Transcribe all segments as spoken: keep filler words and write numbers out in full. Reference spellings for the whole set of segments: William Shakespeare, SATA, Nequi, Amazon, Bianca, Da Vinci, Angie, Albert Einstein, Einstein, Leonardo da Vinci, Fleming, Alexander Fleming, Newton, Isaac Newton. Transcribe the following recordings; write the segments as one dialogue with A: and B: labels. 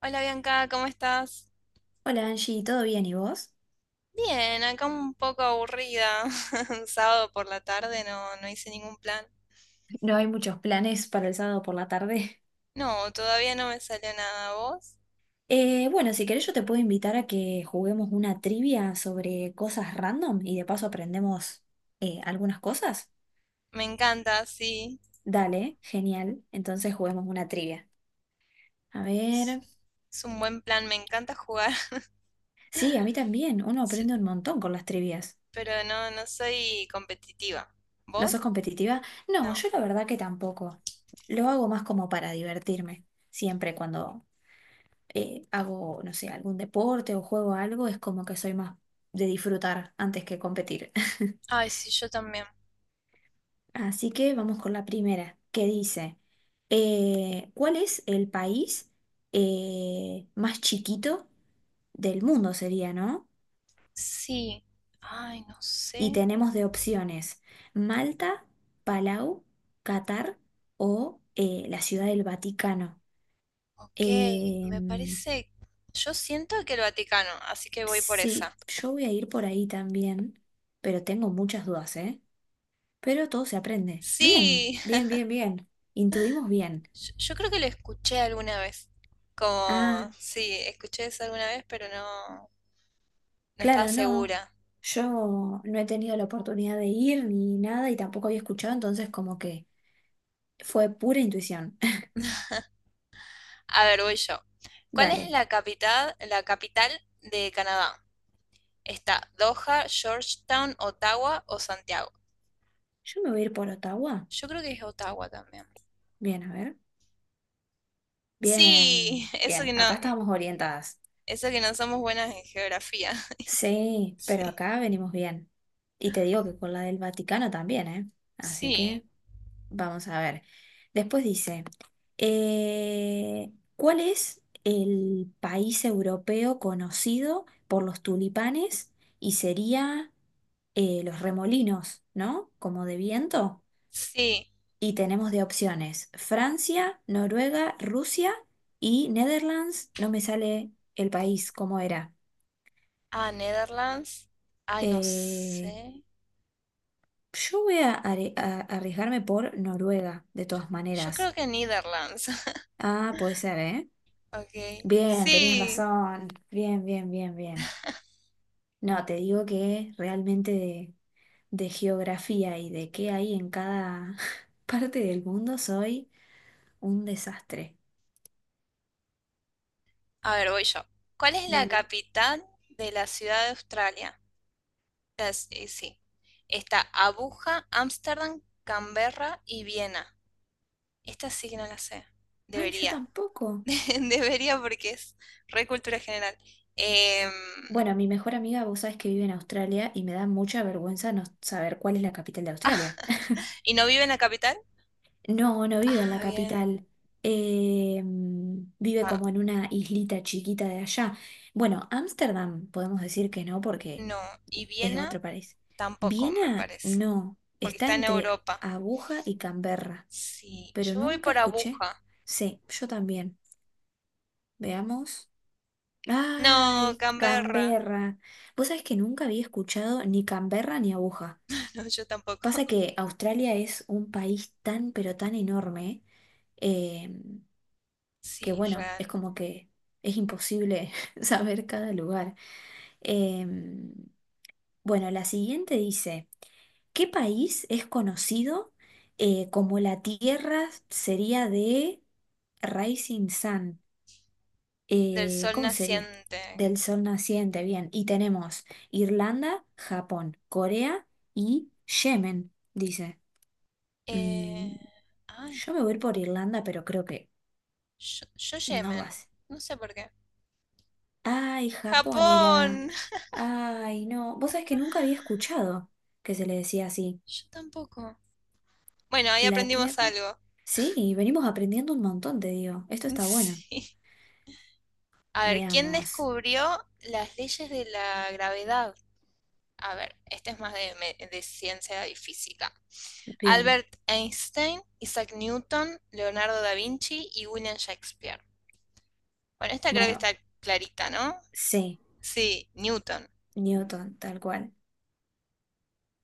A: Hola Bianca, ¿cómo estás?
B: Hola Angie, ¿todo bien y vos?
A: Bien, acá un poco aburrida. Un sábado por la tarde no, no hice ningún plan.
B: No hay muchos planes para el sábado por la tarde.
A: No, todavía no me salió nada. ¿Vos?
B: Eh, bueno, si querés yo te puedo invitar a que juguemos una trivia sobre cosas random y de paso aprendemos eh, algunas cosas.
A: Me encanta, sí.
B: Dale, genial. Entonces juguemos una trivia. A
A: Es
B: ver.
A: es un buen plan, me encanta jugar.
B: Sí, a mí también. Uno
A: Sí,
B: aprende un montón con las trivias.
A: pero no, no soy competitiva.
B: ¿No sos
A: ¿Vos?
B: competitiva? No,
A: No.
B: yo la verdad que tampoco. Lo hago más como para divertirme. Siempre cuando eh, hago, no sé, algún deporte o juego algo, es como que soy más de disfrutar antes que competir.
A: Ay, sí, yo también.
B: Así que vamos con la primera, que dice, eh, ¿cuál es el país eh, más chiquito del mundo sería, ¿no?
A: Sí. Ay, no
B: Y
A: sé.
B: tenemos de opciones Malta, Palau, Qatar o eh, la Ciudad del Vaticano.
A: Ok, me
B: Em,
A: parece. Yo siento que el Vaticano, así que voy por
B: sí,
A: esa.
B: yo voy a ir por ahí también, pero tengo muchas dudas, ¿eh? Pero todo se aprende. Bien,
A: Sí.
B: bien, bien, bien. Intuimos bien.
A: Yo, yo creo que lo escuché alguna vez. Como,
B: Ah,
A: sí, escuché eso alguna vez, pero no, no estaba
B: claro, no.
A: segura.
B: Yo no he tenido la oportunidad de ir ni nada y tampoco había escuchado, entonces como que fue pura intuición.
A: A ver, voy yo. ¿Cuál es
B: Dale,
A: la capital, la capital de Canadá? ¿Está Doha, Georgetown, Ottawa o Santiago?
B: yo me voy a ir por Ottawa.
A: Yo creo que es Ottawa también.
B: Bien, a ver.
A: Sí,
B: Bien,
A: eso que
B: bien.
A: no,
B: Acá estábamos orientadas.
A: eso que no somos buenas en geografía.
B: Sí, pero
A: Sí,
B: acá venimos bien. Y te digo que con la del Vaticano también, ¿eh? Así
A: sí,
B: que... Vamos a ver. Después dice, eh, ¿cuál es el país europeo conocido por los tulipanes? Y sería eh, los remolinos, ¿no? Como de viento.
A: sí.
B: Y tenemos de opciones Francia, Noruega, Rusia y Netherlands. No me sale el país, ¿cómo era?
A: Ah, Netherlands. Ay, no
B: Eh,
A: sé.
B: yo voy a, are- a- arriesgarme por Noruega, de todas
A: Yo creo
B: maneras.
A: que Netherlands.
B: Ah, puede ser, ¿eh?
A: Ok.
B: Bien, tenías
A: Sí.
B: razón. Bien, bien, bien, bien. No, te digo que realmente de, de geografía y de qué hay en cada parte del mundo soy un desastre.
A: A ver, voy yo. ¿Cuál es la
B: Dale.
A: capital de la ciudad de Australia? Las- eh, sí. Está Abuja, Ámsterdam, Canberra y Viena. Esta sí que no la sé.
B: Ay, yo
A: Debería.
B: tampoco.
A: Debería porque es re cultura general. Em,
B: Bueno, mi mejor amiga, vos sabés que vive en Australia y me da mucha vergüenza no saber cuál es la capital de Australia.
A: ¿y no vive en la capital?
B: No, no vive en la
A: Ah, bien.
B: capital. Eh, mm, vive
A: Ah,
B: como en una islita chiquita de allá. Bueno, Ámsterdam podemos decir que no porque
A: no. Y
B: Es
A: Viena
B: otro país.
A: tampoco, me
B: Viena,
A: parece.
B: no.
A: Porque
B: Está
A: está en
B: entre
A: Europa.
B: Aguja y Canberra,
A: Sí.
B: pero
A: Yo voy
B: nunca
A: por
B: escuché.
A: Abuja.
B: Sí, yo también. Veamos.
A: No,
B: ¡Ay,
A: Canberra.
B: Canberra! Vos sabés que nunca había escuchado ni Canberra ni Aguja.
A: No, yo tampoco.
B: Pasa que Australia es un país tan, pero tan enorme, eh, que
A: Sí,
B: bueno,
A: real.
B: es como que es imposible saber cada lugar. Em, bueno, la siguiente dice. ¿Qué país es conocido eh, como la tierra sería de Rising Sun?
A: Del
B: Eh,
A: sol
B: ¿cómo sería?
A: naciente.
B: Del sol naciente, bien. Y tenemos Irlanda, Japón, Corea y Yemen, dice. Mm,
A: Eh, ay,
B: yo me voy a ir por Irlanda, pero creo que
A: yo, yo
B: no
A: Yemen.
B: vas.
A: No sé por qué.
B: Ay, Japón era.
A: Japón.
B: Ay, no. Vos sabés que nunca había escuchado que se le decía así.
A: Yo tampoco. Bueno, ahí
B: La
A: aprendimos
B: Tierra.
A: algo.
B: Sí, y venimos aprendiendo un montón, te digo. Esto está bueno.
A: Sí. A ver, ¿quién
B: Veamos.
A: descubrió las leyes de la gravedad? A ver, este es más de, me- de ciencia y física.
B: Bien.
A: Albert Einstein, Isaac Newton, Leonardo da Vinci y William Shakespeare. Bueno, esta creo que
B: Bueno,
A: está clarita, ¿no?
B: sí,
A: Sí, Newton.
B: Newton, tal cual.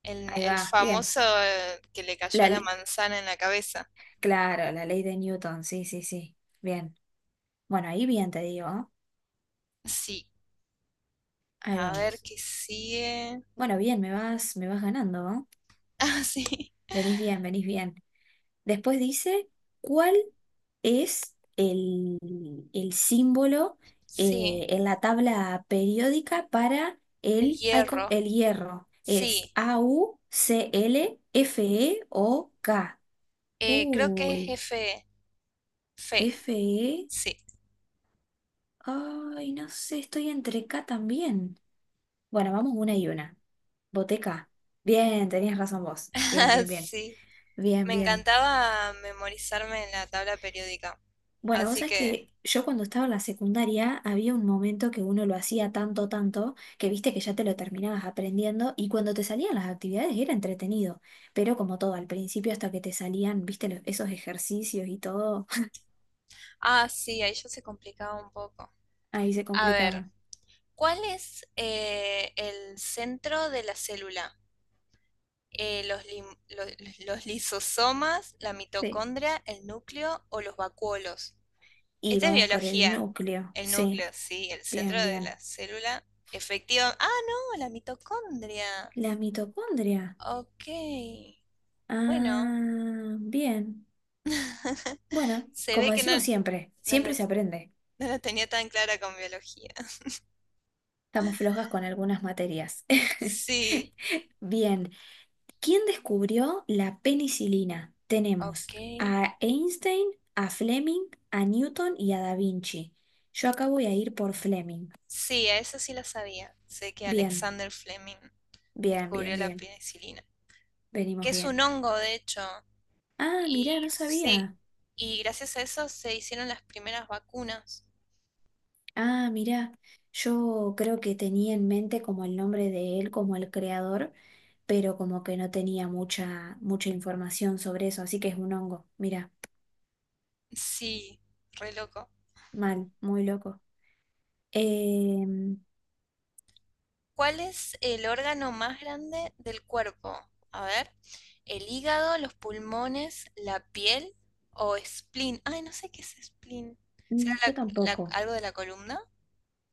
A: El,
B: Ahí
A: el
B: va, bien.
A: famoso eh, que le
B: La,
A: cayó la
B: l-
A: manzana en la cabeza.
B: claro, la ley de Newton, sí, sí, sí. Bien. Bueno, ahí bien, te digo. ¿Eh?
A: Sí.
B: Ahí
A: A ver
B: vamos.
A: qué sigue.
B: Bueno, bien, me vas, me vas ganando, ¿eh?
A: Ah, sí.
B: Venís bien, venís bien. Después dice, ¿cuál? Es el, el símbolo eh,
A: Sí.
B: en la tabla periódica para
A: El
B: el, ay, ¿cómo?
A: hierro.
B: El hierro. Es
A: Sí.
B: A-U-C-L-F-E-O-K.
A: Eh, creo que es
B: Uy,
A: F. Fe.
B: F-E.
A: Sí.
B: Ay, no sé, estoy entre K también. Bueno, vamos una y una. Boteca. Bien, tenías razón vos. Bien, bien, bien.
A: Sí.
B: Bien,
A: Me
B: bien.
A: encantaba memorizarme en la tabla periódica.
B: Bueno, vos
A: Así
B: sabés
A: que.
B: que yo cuando estaba en la secundaria había un momento que uno lo hacía tanto, tanto, que viste que ya te lo terminabas aprendiendo y cuando te salían las actividades era entretenido, pero como todo, al principio hasta que te salían, viste, los- esos ejercicios y todo,
A: Ah, sí, ahí ya se complicaba un poco.
B: ahí se
A: A ver.
B: complicaba.
A: ¿Cuál es eh, el centro de la célula? eh, los, lim- lo- los lisosomas, la
B: Sí.
A: mitocondria, el núcleo o los vacuolos.
B: Y
A: Esta es
B: vamos por el
A: biología.
B: núcleo,
A: El
B: sí,
A: núcleo, sí, el
B: bien,
A: centro de
B: bien.
A: la célula. Efectiva. Ah, no, la mitocondria.
B: La mitocondria.
A: Ok. Bueno,
B: Ah, bien. Bueno,
A: se
B: como
A: ve que no,
B: decimos siempre,
A: no
B: siempre
A: la,
B: se aprende.
A: no lo tenía tan clara con biología.
B: Estamos flojas con algunas materias.
A: Sí,
B: Bien, ¿quién descubrió la penicilina?
A: ok.
B: Tenemos a Einstein, a Fleming, a Newton y a Da Vinci. Yo acá voy a ir por Fleming.
A: Sí, a eso sí lo sabía. Sé que
B: Bien,
A: Alexander Fleming
B: bien,
A: descubrió
B: bien,
A: la
B: bien.
A: penicilina, que
B: Venimos
A: es un
B: bien.
A: hongo, de hecho.
B: Ah, mirá,
A: Y
B: no
A: sí,
B: sabía.
A: y gracias a eso se hicieron las primeras vacunas.
B: Ah, mirá. Yo creo que tenía en mente como el nombre de él, como el creador, pero como que no tenía mucha, mucha información sobre eso, así que es un hongo. Mirá,
A: Sí, re loco.
B: mal, muy loco. Em,
A: ¿Cuál es el órgano más grande del cuerpo? A ver, el hígado, los pulmones, la piel o spleen. Ay, no sé qué es spleen. ¿Será
B: mm, yo
A: la- la-
B: tampoco.
A: algo de la columna?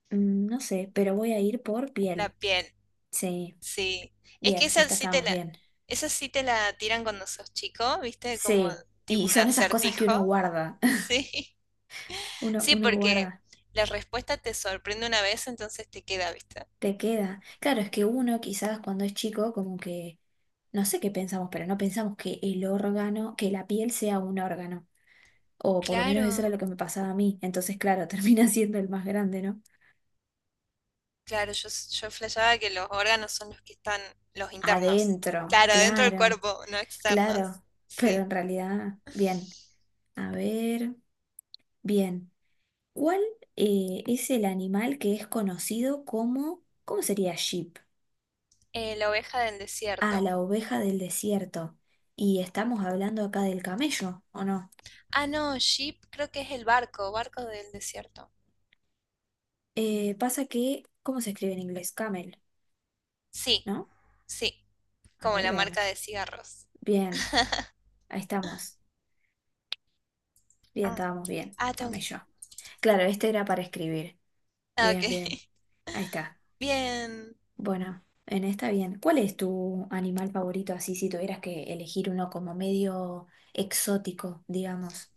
B: Mm, No sé, pero voy a ir por
A: La
B: piel.
A: piel,
B: Sí,
A: sí. Es que
B: bien,
A: esa
B: esta
A: sí te
B: estábamos
A: la,
B: bien.
A: esa sí te la tiran cuando sos chico, ¿viste? Como
B: Sí,
A: tipo
B: y
A: un
B: son esas cosas que
A: acertijo.
B: uno guarda.
A: Sí.
B: Uno,
A: Sí,
B: uno
A: porque
B: guarda,
A: la respuesta te sorprende una vez, entonces te queda, ¿viste?
B: te queda. Claro, es que uno quizás cuando es chico, como que, no sé qué pensamos, pero no pensamos que el órgano, que la piel sea un órgano. O por lo menos eso era
A: Claro,
B: lo que me pasaba a mí. Entonces, claro, termina siendo el más grande, ¿no?
A: claro, yo, s- yo flasheaba que los órganos son los que están, los internos.
B: Adentro,
A: Claro, dentro del
B: claro,
A: cuerpo, no externos.
B: claro. Pero
A: Sí.
B: en realidad, bien. A ver, bien. ¿Cuál eh, es el animal que es conocido como, ¿cómo sería sheep?
A: Eh, la oveja del
B: Ah,
A: desierto.
B: la oveja del desierto. Y estamos hablando acá del camello, ¿o no?
A: Ah, no, ship creo que es el barco, barco del desierto.
B: Eh, pasa que, ¿cómo se escribe en inglés? Camel,
A: Sí,
B: ¿no?
A: sí,
B: A
A: como
B: ver,
A: la marca
B: veamos.
A: de cigarros.
B: Bien, ahí estamos. Bien,
A: Ah,
B: estábamos bien.
A: ah, tengo que...
B: Camello. Claro, este era para escribir.
A: Ah, ok.
B: Bien, bien. Ahí está.
A: Bien.
B: Bueno, en esta bien. ¿Cuál es tu animal favorito así si tuvieras que elegir uno como medio exótico, digamos?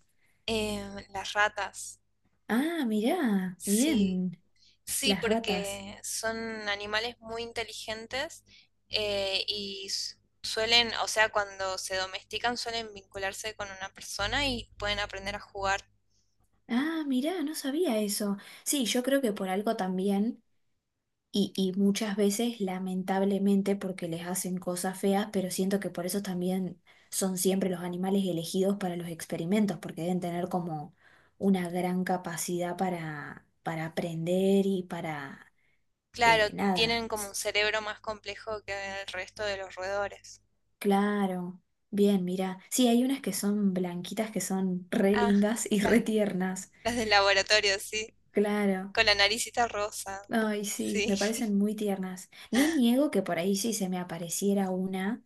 A: Eh, las ratas.
B: Ah, mirá,
A: Sí,
B: bien,
A: sí,
B: las ratas.
A: porque son animales muy inteligentes eh, y s- suelen, o sea, cuando se domestican suelen vincularse con una persona y pueden aprender a jugar.
B: Ah, mirá, no sabía eso. Sí, yo creo que por algo también, y, y muchas veces lamentablemente porque les hacen cosas feas, pero siento que por eso también son siempre los animales elegidos para los experimentos, porque deben tener como una gran capacidad para, para aprender y para eh,
A: Claro,
B: nada.
A: tienen como un
B: S-
A: cerebro más complejo que el resto de los roedores.
B: Claro, bien, mirá. Sí, hay unas que son blanquitas que son re
A: Ah,
B: lindas y re
A: las,
B: tiernas.
A: las del laboratorio, sí,
B: Claro.
A: con la naricita rosa,
B: Ay, sí,
A: sí.
B: me parecen muy tiernas. No niego que por ahí si se me apareciera una,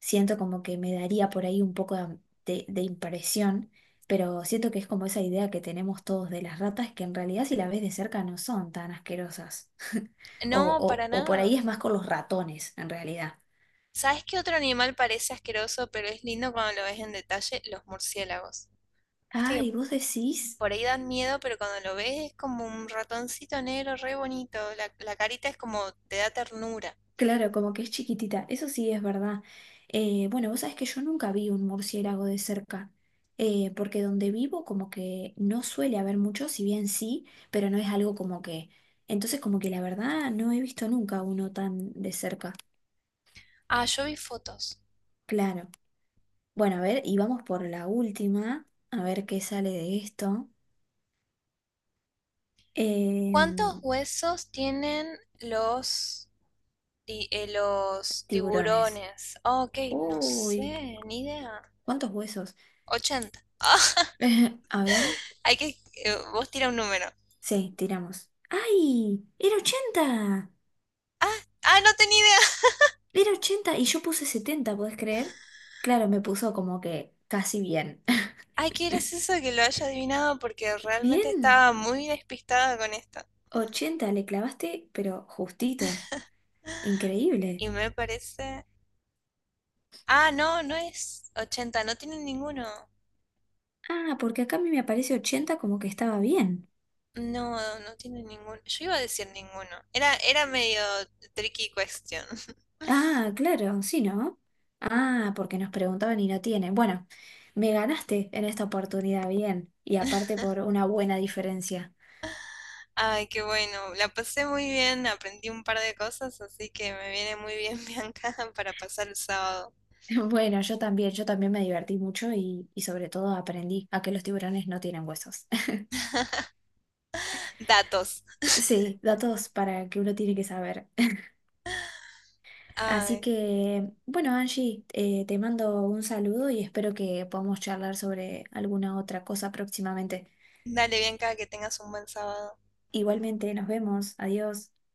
B: siento como que me daría por ahí un poco de, de- de impresión, pero siento que es como esa idea que tenemos todos de las ratas, que en realidad si la ves de cerca no son tan asquerosas. O,
A: No,
B: o,
A: para
B: o por
A: nada.
B: ahí es más con los ratones, en realidad.
A: ¿Sabes qué otro animal parece asqueroso, pero es lindo cuando lo ves en detalle? Los murciélagos. ¿Viste que
B: Ay, ¿vos decís?
A: por ahí dan miedo, pero cuando lo ves es como un ratoncito negro re bonito? La, la carita es como te da ternura.
B: Claro, como que es chiquitita, eso sí es verdad. Eh, bueno, vos sabés que yo nunca vi un murciélago de cerca, eh, porque donde vivo como que no suele haber muchos, si bien sí, pero no es algo como que... Entonces como que la verdad no he visto nunca uno tan de cerca.
A: Ah, yo vi fotos.
B: Claro. Bueno, a ver, y vamos por la última, a ver qué sale de esto.
A: ¿Cuántos
B: Em,
A: huesos tienen los, ti- eh, los
B: tiburones.
A: tiburones? Ah, ok, no
B: Uy,
A: sé, ni idea.
B: ¿cuántos huesos?
A: Ochenta. Ah,
B: A ver,
A: hay que, eh, vos tira un número.
B: sí, tiramos. ¡Ay! ¡Era ochenta
A: Ah, ah, no tenía idea.
B: Era ochenta y yo puse setenta, ¿podés creer? Claro, me puso como que casi bien.
A: Ay, qué gracioso que lo haya adivinado porque realmente
B: Bien,
A: estaba muy despistada con esto.
B: ochenta le clavaste, pero justito. Increíble.
A: Y me parece. Ah, no, no es ochenta. No tiene ninguno.
B: Ah, porque acá a mí me aparece ochenta como que estaba bien.
A: No, no tiene ninguno. Yo iba a decir ninguno. Era, era medio tricky question.
B: Ah, claro, sí, ¿no? Ah, porque nos preguntaban y no tienen. Bueno, me ganaste en esta oportunidad, bien. Y aparte por una buena diferencia.
A: Ay, qué bueno. La pasé muy bien, aprendí un par de cosas, así que me viene muy bien, Bianca, para pasar el sábado.
B: Bueno, yo también, yo también me divertí mucho y, y sobre todo aprendí a que los tiburones no tienen huesos.
A: Datos.
B: Sí, datos para que uno tiene que saber. Así
A: Ay,
B: que, bueno, Angie, eh, te mando un saludo y espero que podamos charlar sobre alguna otra cosa próximamente.
A: dale, Bianca, que tengas un buen sábado.
B: Igualmente, nos vemos. Adiós.